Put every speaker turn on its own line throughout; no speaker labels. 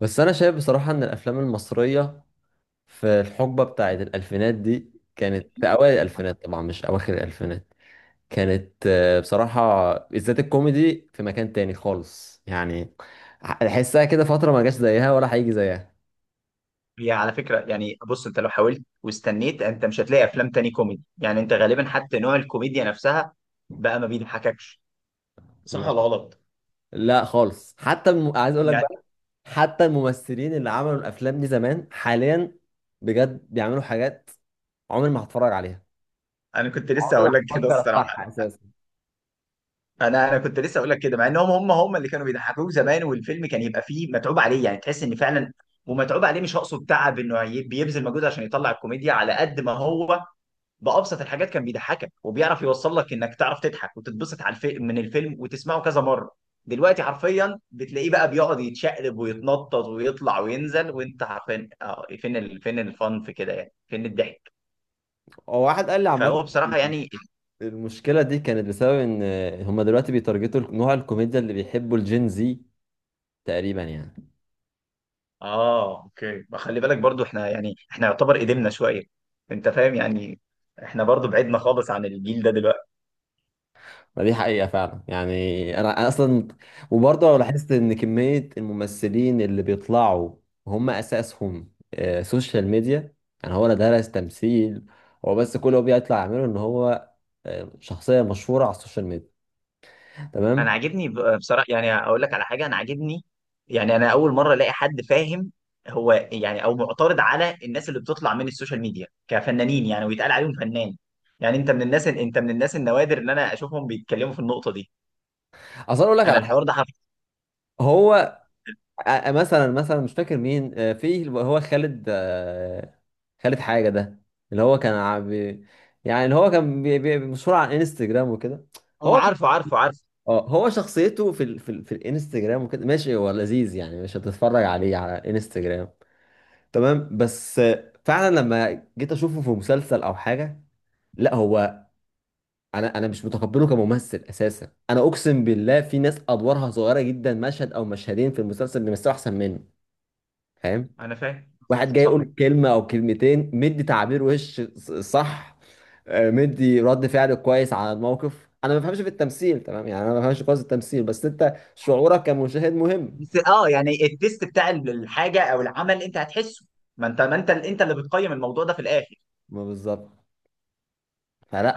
بس انا شايف بصراحة ان الافلام المصرية في الحقبة بتاعت الالفينات دي كانت في اوائل الالفينات، طبعا مش اواخر الالفينات. كانت بصراحة، بالذات الكوميدي، في مكان تاني خالص يعني. احسها كده فترة ما جاش زيها ولا هيجي زيها.
هي على فكرة، يعني بص انت لو حاولت واستنيت انت مش هتلاقي افلام تاني كوميدي. يعني انت غالبا حتى نوع الكوميديا نفسها بقى ما بيضحككش. صح ولا
ما-
غلط؟
لا خالص. حتى عايز اقول لك
يعني
بقى، حتى الممثلين اللي عملوا الافلام دي زمان حاليا بجد بيعملوا حاجات عمري ما هتفرج عليها،
انا كنت لسه
عمري ما
هقول لك كده
هفكر افتحها
الصراحة.
اساسا.
انا كنت لسه هقول لك كده، مع انهم هم هم اللي كانوا بيضحكوك زمان، والفيلم كان يبقى فيه متعوب عليه، يعني تحس ان فعلا ومتعوب عليه. مش هقصد تعب انه بيبذل مجهود عشان يطلع الكوميديا، على قد ما هو بأبسط الحاجات كان بيضحكك وبيعرف يوصل لك انك تعرف تضحك وتتبسط على الفيلم من الفيلم، وتسمعه كذا مرة. دلوقتي حرفيا بتلاقيه بقى بيقعد يتشقلب ويتنطط ويطلع وينزل، وانت عارفين اه فين فين الفن في كده، يعني فين الضحك؟
هو واحد قال لي عامة
فهو بصراحة يعني.
المشكلة دي كانت بسبب ان هما دلوقتي بيتارجتوا نوع الكوميديا اللي بيحبوا الجين زي، تقريبا يعني.
اه اوكي، ما خلي بالك برضو احنا يعني احنا يعتبر قدمنا شوية، انت فاهم يعني، احنا برضو بعدنا خالص عن الجيل ده دلوقتي.
ما دي حقيقة فعلا يعني. أنا اصلا. وبرضه لو لاحظت ان كمية الممثلين اللي بيطلعوا هم اساسهم سوشيال ميديا. يعني هو لا درس تمثيل، هو بس كل اللي هو بيطلع يعمله ان هو شخصية مشهورة على السوشيال ميديا،
انا
تمام.
عاجبني بصراحه يعني، اقول لك على حاجه انا عاجبني، يعني انا اول مره الاقي حد فاهم. هو يعني او معترض على الناس اللي بتطلع من السوشيال ميديا كفنانين، يعني ويتقال عليهم فنان. يعني انت من الناس، انت من الناس النوادر ان انا اشوفهم بيتكلموا في النقطه دي.
اصلا اقول لك
انا
على حاجة.
الحوار ده عارفه.
هو مثلا مش فاكر مين، في اللي هو خالد، خالد حاجة ده، اللي هو يعني اللي هو كان مشهور على انستجرام وكده.
اه،
هو
عارفه عارفه عارفه.
اه هو شخصيته في الانستجرام وكده، ماشي هو لذيذ يعني، مش هتتفرج عليه على انستجرام، تمام. بس فعلا لما جيت اشوفه في مسلسل او حاجة، لا هو انا مش متقبله كممثل اساسا. انا اقسم بالله في ناس ادوارها صغيرة جدا، مشهد او مشهدين في المسلسل، بيمثلوا احسن منه، فاهم.
انا فاهم.
واحد جاي
صح.
يقول كلمة أو كلمتين مدي تعبير وش صح، مدي رد فعل كويس على الموقف. أنا ما بفهمش في التمثيل، تمام يعني، أنا ما بفهمش كويس التمثيل، بس أنت شعورك كمشاهد مهم.
بس اه يعني التيست بتاع الحاجه او العمل انت هتحسه، ما انت، ما انت انت اللي بتقيم الموضوع ده في الاخر.
ما بالظبط،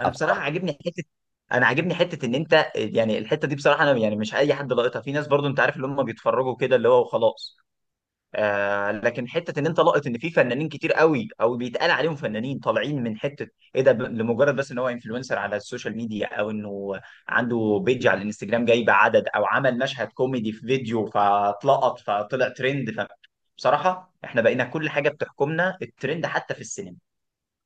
انا بصراحه عاجبني حته، انا عاجبني حته ان انت، يعني الحته دي بصراحه انا يعني مش اي حد لاقطها، في ناس برضو انت عارف اللي هم بيتفرجوا كده اللي هو وخلاص. آه، لكن حته ان انت لاقط ان في فنانين كتير قوي او بيتقال عليهم فنانين طالعين من حته ايه ده، لمجرد بس ان هو انفلونسر على السوشيال ميديا، او انه عنده بيج على الانستجرام جايب عدد او عمل مشهد كوميدي في فيديو فاتلقط فطلع ترند. ف بصراحه احنا بقينا كل حاجه بتحكمنا الترند حتى في السينما.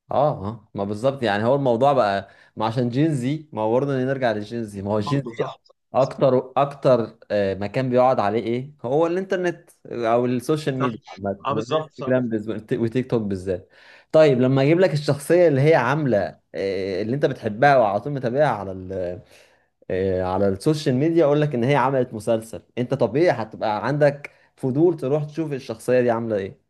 اه ما بالظبط. يعني هو الموضوع بقى ما عشان جين زي ما هو، برضه نرجع للجين زي ما هو، جين
برضه
زي
صح.
اكتر اكتر، مكان بيقعد عليه ايه، هو الانترنت او السوشيال
صح،
ميديا عامه،
اه بالظبط صح.
الانستجرام وتيك توك بالذات. طيب لما اجيب لك الشخصيه اللي هي عامله اللي انت بتحبها وعلى طول متابعها على على السوشيال ميديا، اقول لك ان هي عملت مسلسل، انت طبيعي هتبقى عندك فضول تروح تشوف الشخصيه دي عامله ايه،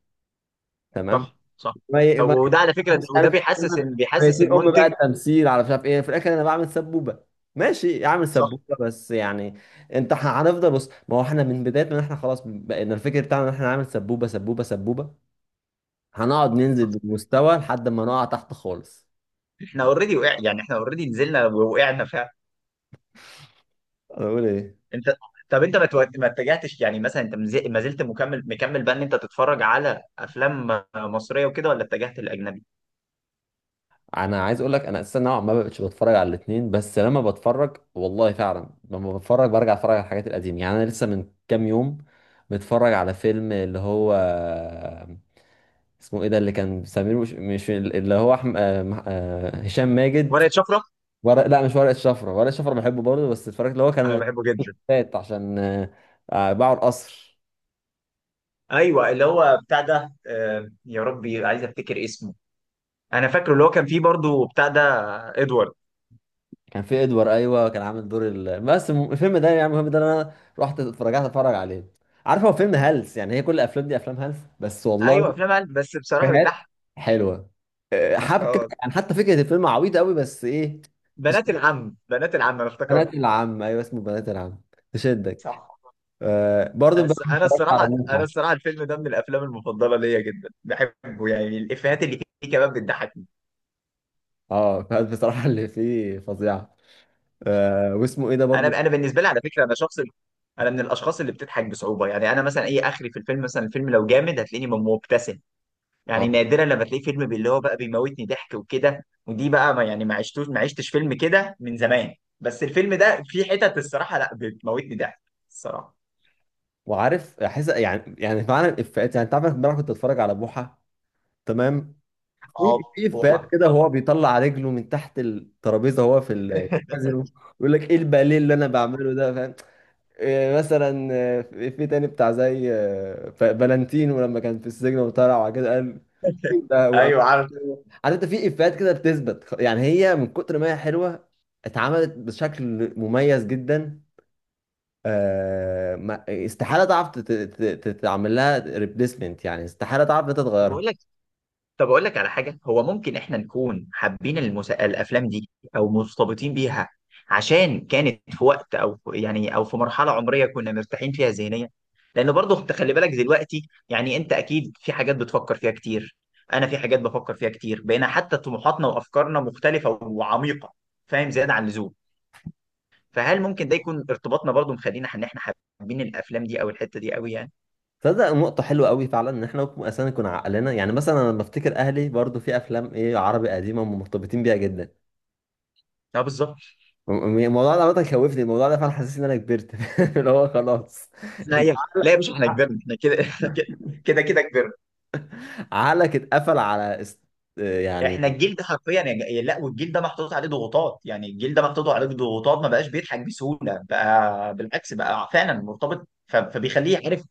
تمام.
صح صح.
ما ي...
طب
ما
وده على فكره،
مش
وده
عارف،
بيحسس بيحسس
ميتين ام بقى
المنتج.
التمثيل على مش عارف ايه. في الاخر انا بعمل سبوبه، ماشي اعمل
صح
سبوبه بس يعني. انت هنفضل. بص، ما هو احنا من بدايه ما احنا خلاص بقينا الفكر بتاعنا ان احنا نعمل سبوبه سبوبه سبوبه، هنقعد ننزل
صح.
بالمستوى لحد ما نقع تحت خالص.
احنا اوريدي وقع، يعني احنا اوريدي نزلنا وقعنا فعلا.
انا بقول ايه؟
انت. طب انت ما اتجهتش يعني، مثلا انت ما زلت مكمل مكمل بقى ان انت تتفرج على افلام مصريه وكده، ولا اتجهت للاجنبي؟
انا عايز اقول لك انا اساسا نوعا ما بقتش بتفرج على الاثنين، بس لما بتفرج والله فعلا لما بتفرج برجع اتفرج على الحاجات القديمه يعني. انا لسه من كام يوم متفرج على فيلم اللي هو اسمه ايه ده، اللي كان سمير، مش اللي هو احمد، هشام ماجد.
ورقه شفره.
ورق، لا مش ورقة شفرة. ورقة شفرة بحبه برضه، بس اتفرجت اللي هو
انا
كان
بحبه جدا.
فات عشان باعوا القصر.
ايوه، اللي هو بتاع ده، يا ربي عايز افتكر اسمه. انا فاكره اللي هو كان فيه برضه بتاع ده. ادوارد.
كان في ادوار، ايوه كان عامل دور بس الفيلم ده يعني، المهم ده انا رحت اتفرج عليه. عارف، هو فيلم هلس يعني، هي كل الافلام دي افلام هلس، بس والله
ايوه افلام عيال، بس بصراحه
إفيهات
بتضحك.
حلوه، حبكه
اه،
يعني حتى فكره الفيلم عبيطه قوي بس ايه،
بنات
تشد.
العم، بنات العم انا افتكرت.
بنات العم، ايوه اسمه بنات العم، تشدك.
صح.
برضه امبارح
بس انا
اتفرجت على
الصراحه، انا
بوحة.
الصراحه الفيلم ده من الافلام المفضله ليا جدا، بحبه يعني، الافيهات اللي فيه كمان بتضحكني.
اه، فبصراحة اللي فيه فظيعة. واسمه ايه ده برضو.
انا بالنسبه لي على فكره، انا شخص، انا من الاشخاص اللي بتضحك بصعوبه. يعني انا مثلا اي اخري في الفيلم، مثلا الفيلم لو جامد هتلاقيني مبتسم،
اه،
يعني نادرا لما تلاقي فيلم اللي هو بقى بيموتني ضحك وكده. ودي بقى ما يعني ما عشتش فيلم كده من زمان. بس الفيلم ده في حتت الصراحه لا بتموتني ضحك الصراحه.
وعارف احس يعني فعلا الافيهات، يعني انت عارف امبارح كنت اتفرج على بوحة، تمام.
اه
في
بوحه.
افيهات كده، هو بيطلع رجله من تحت الترابيزة، هو في الكازينو، يقول لك ايه الباليه اللي انا بعمله ده، فاهم. إيه مثلا، في تاني بتاع زي فالنتينو لما كان في السجن وطلع، وبعد كده قال ده
ايوه عارف.
عارف، انت في افيهات كده بتثبت. يعني هي من كتر ما هي حلوه اتعملت بشكل مميز جدا، استحاله تعرف تعمل لها ريبليسمنت يعني، استحاله تعرف ان انت
بقول
تغيرها.
لك، طب اقول لك على حاجه، هو ممكن احنا نكون حابين الافلام دي او مرتبطين بيها، عشان كانت في وقت، او يعني او في مرحله عمريه كنا مرتاحين فيها ذهنيا. لان برضه انت خلي بالك دلوقتي، يعني انت اكيد في حاجات بتفكر فيها كتير، انا في حاجات بفكر فيها كتير، بقينا حتى طموحاتنا وافكارنا مختلفه وعميقه، فاهم، زياده عن اللزوم. فهل ممكن ده يكون ارتباطنا برضه مخلينا ان احنا حابين الافلام دي او الحته دي قوي يعني؟
تصدق نقطة حلوة قوي فعلا، ان احنا ممكن اصلا نكون عقلنا، يعني مثلا انا لما افتكر اهلي برضو في افلام ايه عربي قديمة مرتبطين بيها جدا.
اه بالظبط.
الموضوع ده عامة خوفني، الموضوع ده فعلا حسسني ان انا كبرت. اللي هو خلاص،
لا
انت
يا لا يا باشا احنا كبرنا، احنا كده احنا كده، كده كده كبرنا.
عقلك اتقفل على
احنا
يعني.
الجيل ده حرفيا يا لا، والجيل ده محطوط عليه ضغوطات، يعني الجيل ده محطوط عليه ضغوطات ما بقاش بيضحك بسهوله، بقى بالعكس بقى فعلا مرتبط فبيخليه عارف،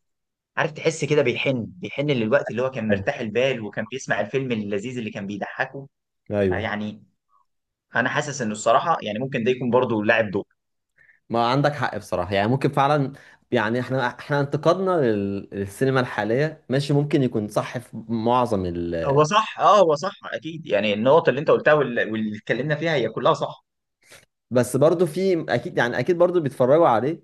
عارف تحس كده بيحن بيحن للوقت اللي هو كان مرتاح البال وكان بيسمع الفيلم اللذيذ اللي كان بيضحكه،
ايوه،
يعني. انا حاسس انه الصراحه يعني ممكن ده يكون برضه لاعب دور.
ما عندك حق بصراحة، يعني ممكن فعلا. يعني احنا انتقادنا للسينما الحالية ماشي، ممكن يكون صح في معظم
هو صح، اه هو صح اكيد. يعني النقطه اللي انت قلتها واللي اتكلمنا فيها هي كلها صح.
بس برضو في اكيد، يعني اكيد برضو بيتفرجوا عليه،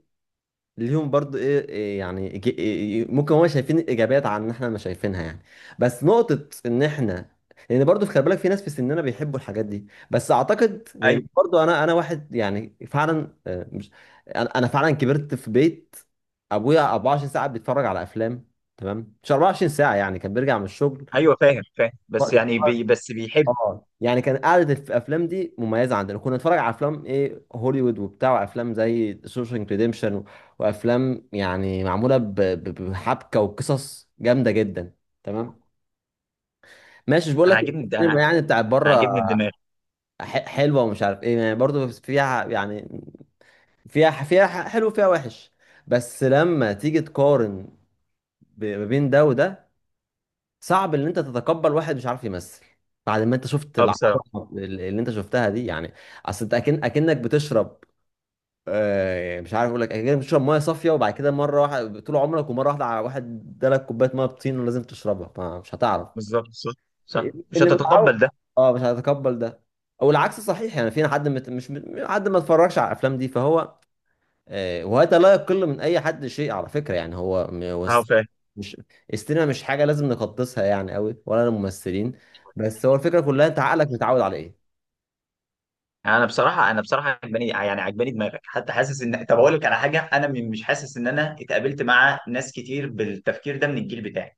ليهم برضو ايه إيه يعني، إيه، ممكن هم شايفين الايجابيات عن ان احنا ما شايفينها يعني. بس نقطة ان احنا، لان برضو في، خلي بالك في ناس في سننا بيحبوا الحاجات دي. بس اعتقد لان
ايوه
برضو انا، واحد يعني فعلا مش. أنا فعلا كبرت في بيت ابويا 24 ساعة بيتفرج على افلام، تمام مش 24 ساعة يعني، كان بيرجع من الشغل.
ايوه فاهم فاهم، بس يعني بس بيحب.
اه، يعني كان قعدة الافلام دي مميزه عندنا، كنا نتفرج على افلام ايه هوليوود وبتاع، وافلام زي شوشنك ريديمشن، وافلام يعني معموله بحبكه وقصص جامده جدا، تمام. ماشي، مش بقول
انا
لك
عاجبني، انا
السينما
انا
يعني بتاعت بره
عاجبني الدماغ.
حلوه ومش عارف ايه يعني، برضه فيها يعني فيها، حلو فيها وحش. بس لما تيجي تقارن ما بين ده وده، صعب ان انت تتقبل واحد مش عارف يمثل بعد ما انت شفت
اه
العبره
بصراحه.
اللي انت شفتها دي يعني. اصل انت اكنك بتشرب، مش عارف اقول لك، اكنك بتشرب ميه صافيه، وبعد كده مره واحده طول عمرك، ومره واحده على واحد ادالك كوبايه ميه بطين ولازم تشربها، مش هتعرف.
بالظبط صح. صح مش
اللي متعود،
هتتقبل ده.
اه، مش هيتقبل ده. او العكس صحيح يعني، في حد مش حد ما اتفرجش على الافلام دي فهو، وهذا لا يقل من اي حد شيء على فكره يعني. هو هو
اه فاهم.
مش. السينما مش حاجه لازم نقدسها يعني قوي، ولا الممثلين. بس هو الفكره كلها انت عقلك متعود على ايه.
يعني انا بصراحه، انا بصراحه عجباني يعني، عجباني دماغك، حتى حاسس ان، طب اقول لك على حاجه، انا مش حاسس ان انا اتقابلت مع ناس كتير بالتفكير ده من الجيل بتاعي،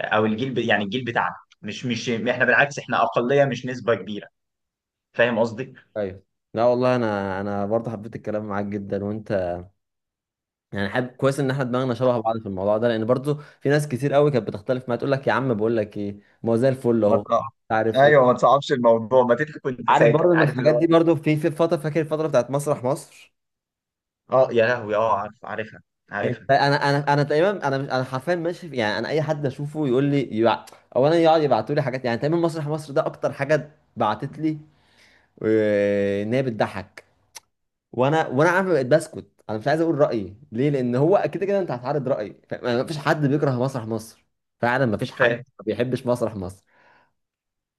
او الجيل يعني الجيل بتاعنا. مش احنا بالعكس، احنا اقليه مش نسبه كبيره، فاهم قصدي؟
ايوه. لا والله انا، برضه حبيت الكلام معاك جدا. وانت يعني حابب، كويس ان احنا دماغنا شبه بعض في الموضوع ده، لان برضه في ناس كتير قوي كانت بتختلف معايا تقول لك يا عم، بقول لك ايه ما هو زي الفل
ما
اهو، مش
تقع.
عارف
ايوه،
ايه.
ما تصعبش الموضوع، ما تضحك وانت
عارف
ساكت
برضه من
عارف اللي
الحاجات
هو.
دي برضه، في فتره فاكر الفتره بتاعت مسرح مصر.
اه يا لهوي، اه عارف، عارفها
انت
عارفها.
انا انا انا تقريبا، انا مش انا حرفيا ماشي يعني، انا اي حد اشوفه يقول لي اولا يقعد يبعتوا لي حاجات يعني، تقريبا مسرح مصر ده اكتر حاجه بعتت لي ان هي بتضحك. وانا عارف بقيت بسكت، انا مش عايز اقول رايي ليه، لان هو كده كده انت هتعرض رايي، ما فيش حد بيكره مسرح مصر فعلا، ما فيش حد
فاهم.
ما بيحبش مسرح مصر.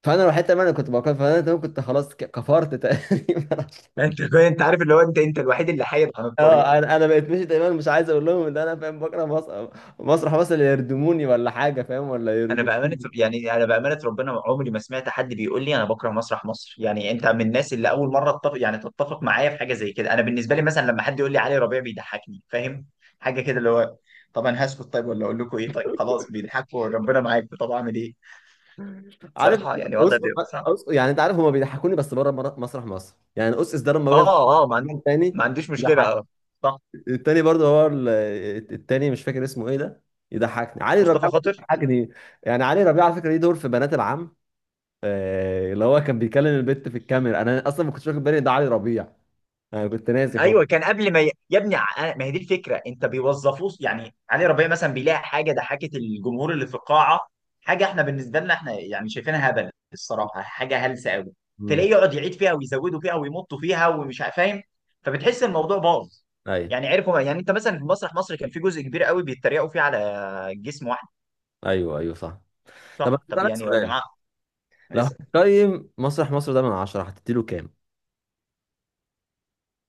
فانا الوحيد تقريبا اللي كنت بكره، فانا تقريباً كنت خلاص كفرت تقريبا.
انت، انت عارف اللي هو، انت، انت الوحيد اللي حايد عن الطريق.
اه، انا بقيت ماشي دايما مش عايز اقول لهم ان انا فاهم، بكره مسرح، بس اللي يردموني ولا حاجه فاهم، ولا
انا
يرجو،
بامانه، يعني انا بامانه ربنا عمري ما سمعت حد بيقول لي انا بكره مسرح مصر. يعني انت من الناس اللي اول مره تتفق، يعني تتفق معايا في حاجه زي كده. انا بالنسبه لي مثلا لما حد يقول لي علي ربيع بيضحكني، فاهم، حاجه كده اللي هو، طب انا هسكت طيب ولا اقول لكم ايه، طيب خلاص بيضحكوا ربنا معاك، طب اعمل ايه.
عارف.
صراحه يعني وضع
أس...
ده صعب.
يعني انت عارف هما بيضحكوني بس بره مسرح مصر يعني، اس ده لما بجد
اه اه ما عندي،
تاني
ما عنديش مشكله،
ضحك.
اه. صح.
التاني برضه هو التاني مش فاكر اسمه ايه ده، يضحكني. علي
مصطفى
ربيع برضه
خاطر.
بيضحكني. يعني علي ربيع على فكره ليه دور في بنات العم، اللي هو كان بيكلم البت في الكاميرا. انا اصلا ما كنتش واخد بالي إن ده علي ربيع، انا كنت ناسي
ايوه
خالص.
كان قبل ما يا ابني، ما هي دي الفكره، انت بيوظفوه يعني، علي ربيع مثلا بيلاقي حاجه ضحكت الجمهور اللي في القاعه، حاجه احنا بالنسبه لنا احنا يعني شايفينها هبل الصراحه، حاجه هلسه قوي،
مم.
تلاقيه يقعد يعيد فيها ويزودوا فيها ويمطوا فيها ومش فاهم، فبتحس الموضوع باظ.
ايوه،
يعني عرفوا، يعني انت مثلا في مسرح مصر كان في جزء كبير قوي بيتريقوا فيه على جسم واحد.
ايوه، ايوه، صح. طب أنا
صح طب
هسألك
يعني يا
سؤال،
جماعه.
لو هتقيم مسرح مصر ده من 10 هتديله كام؟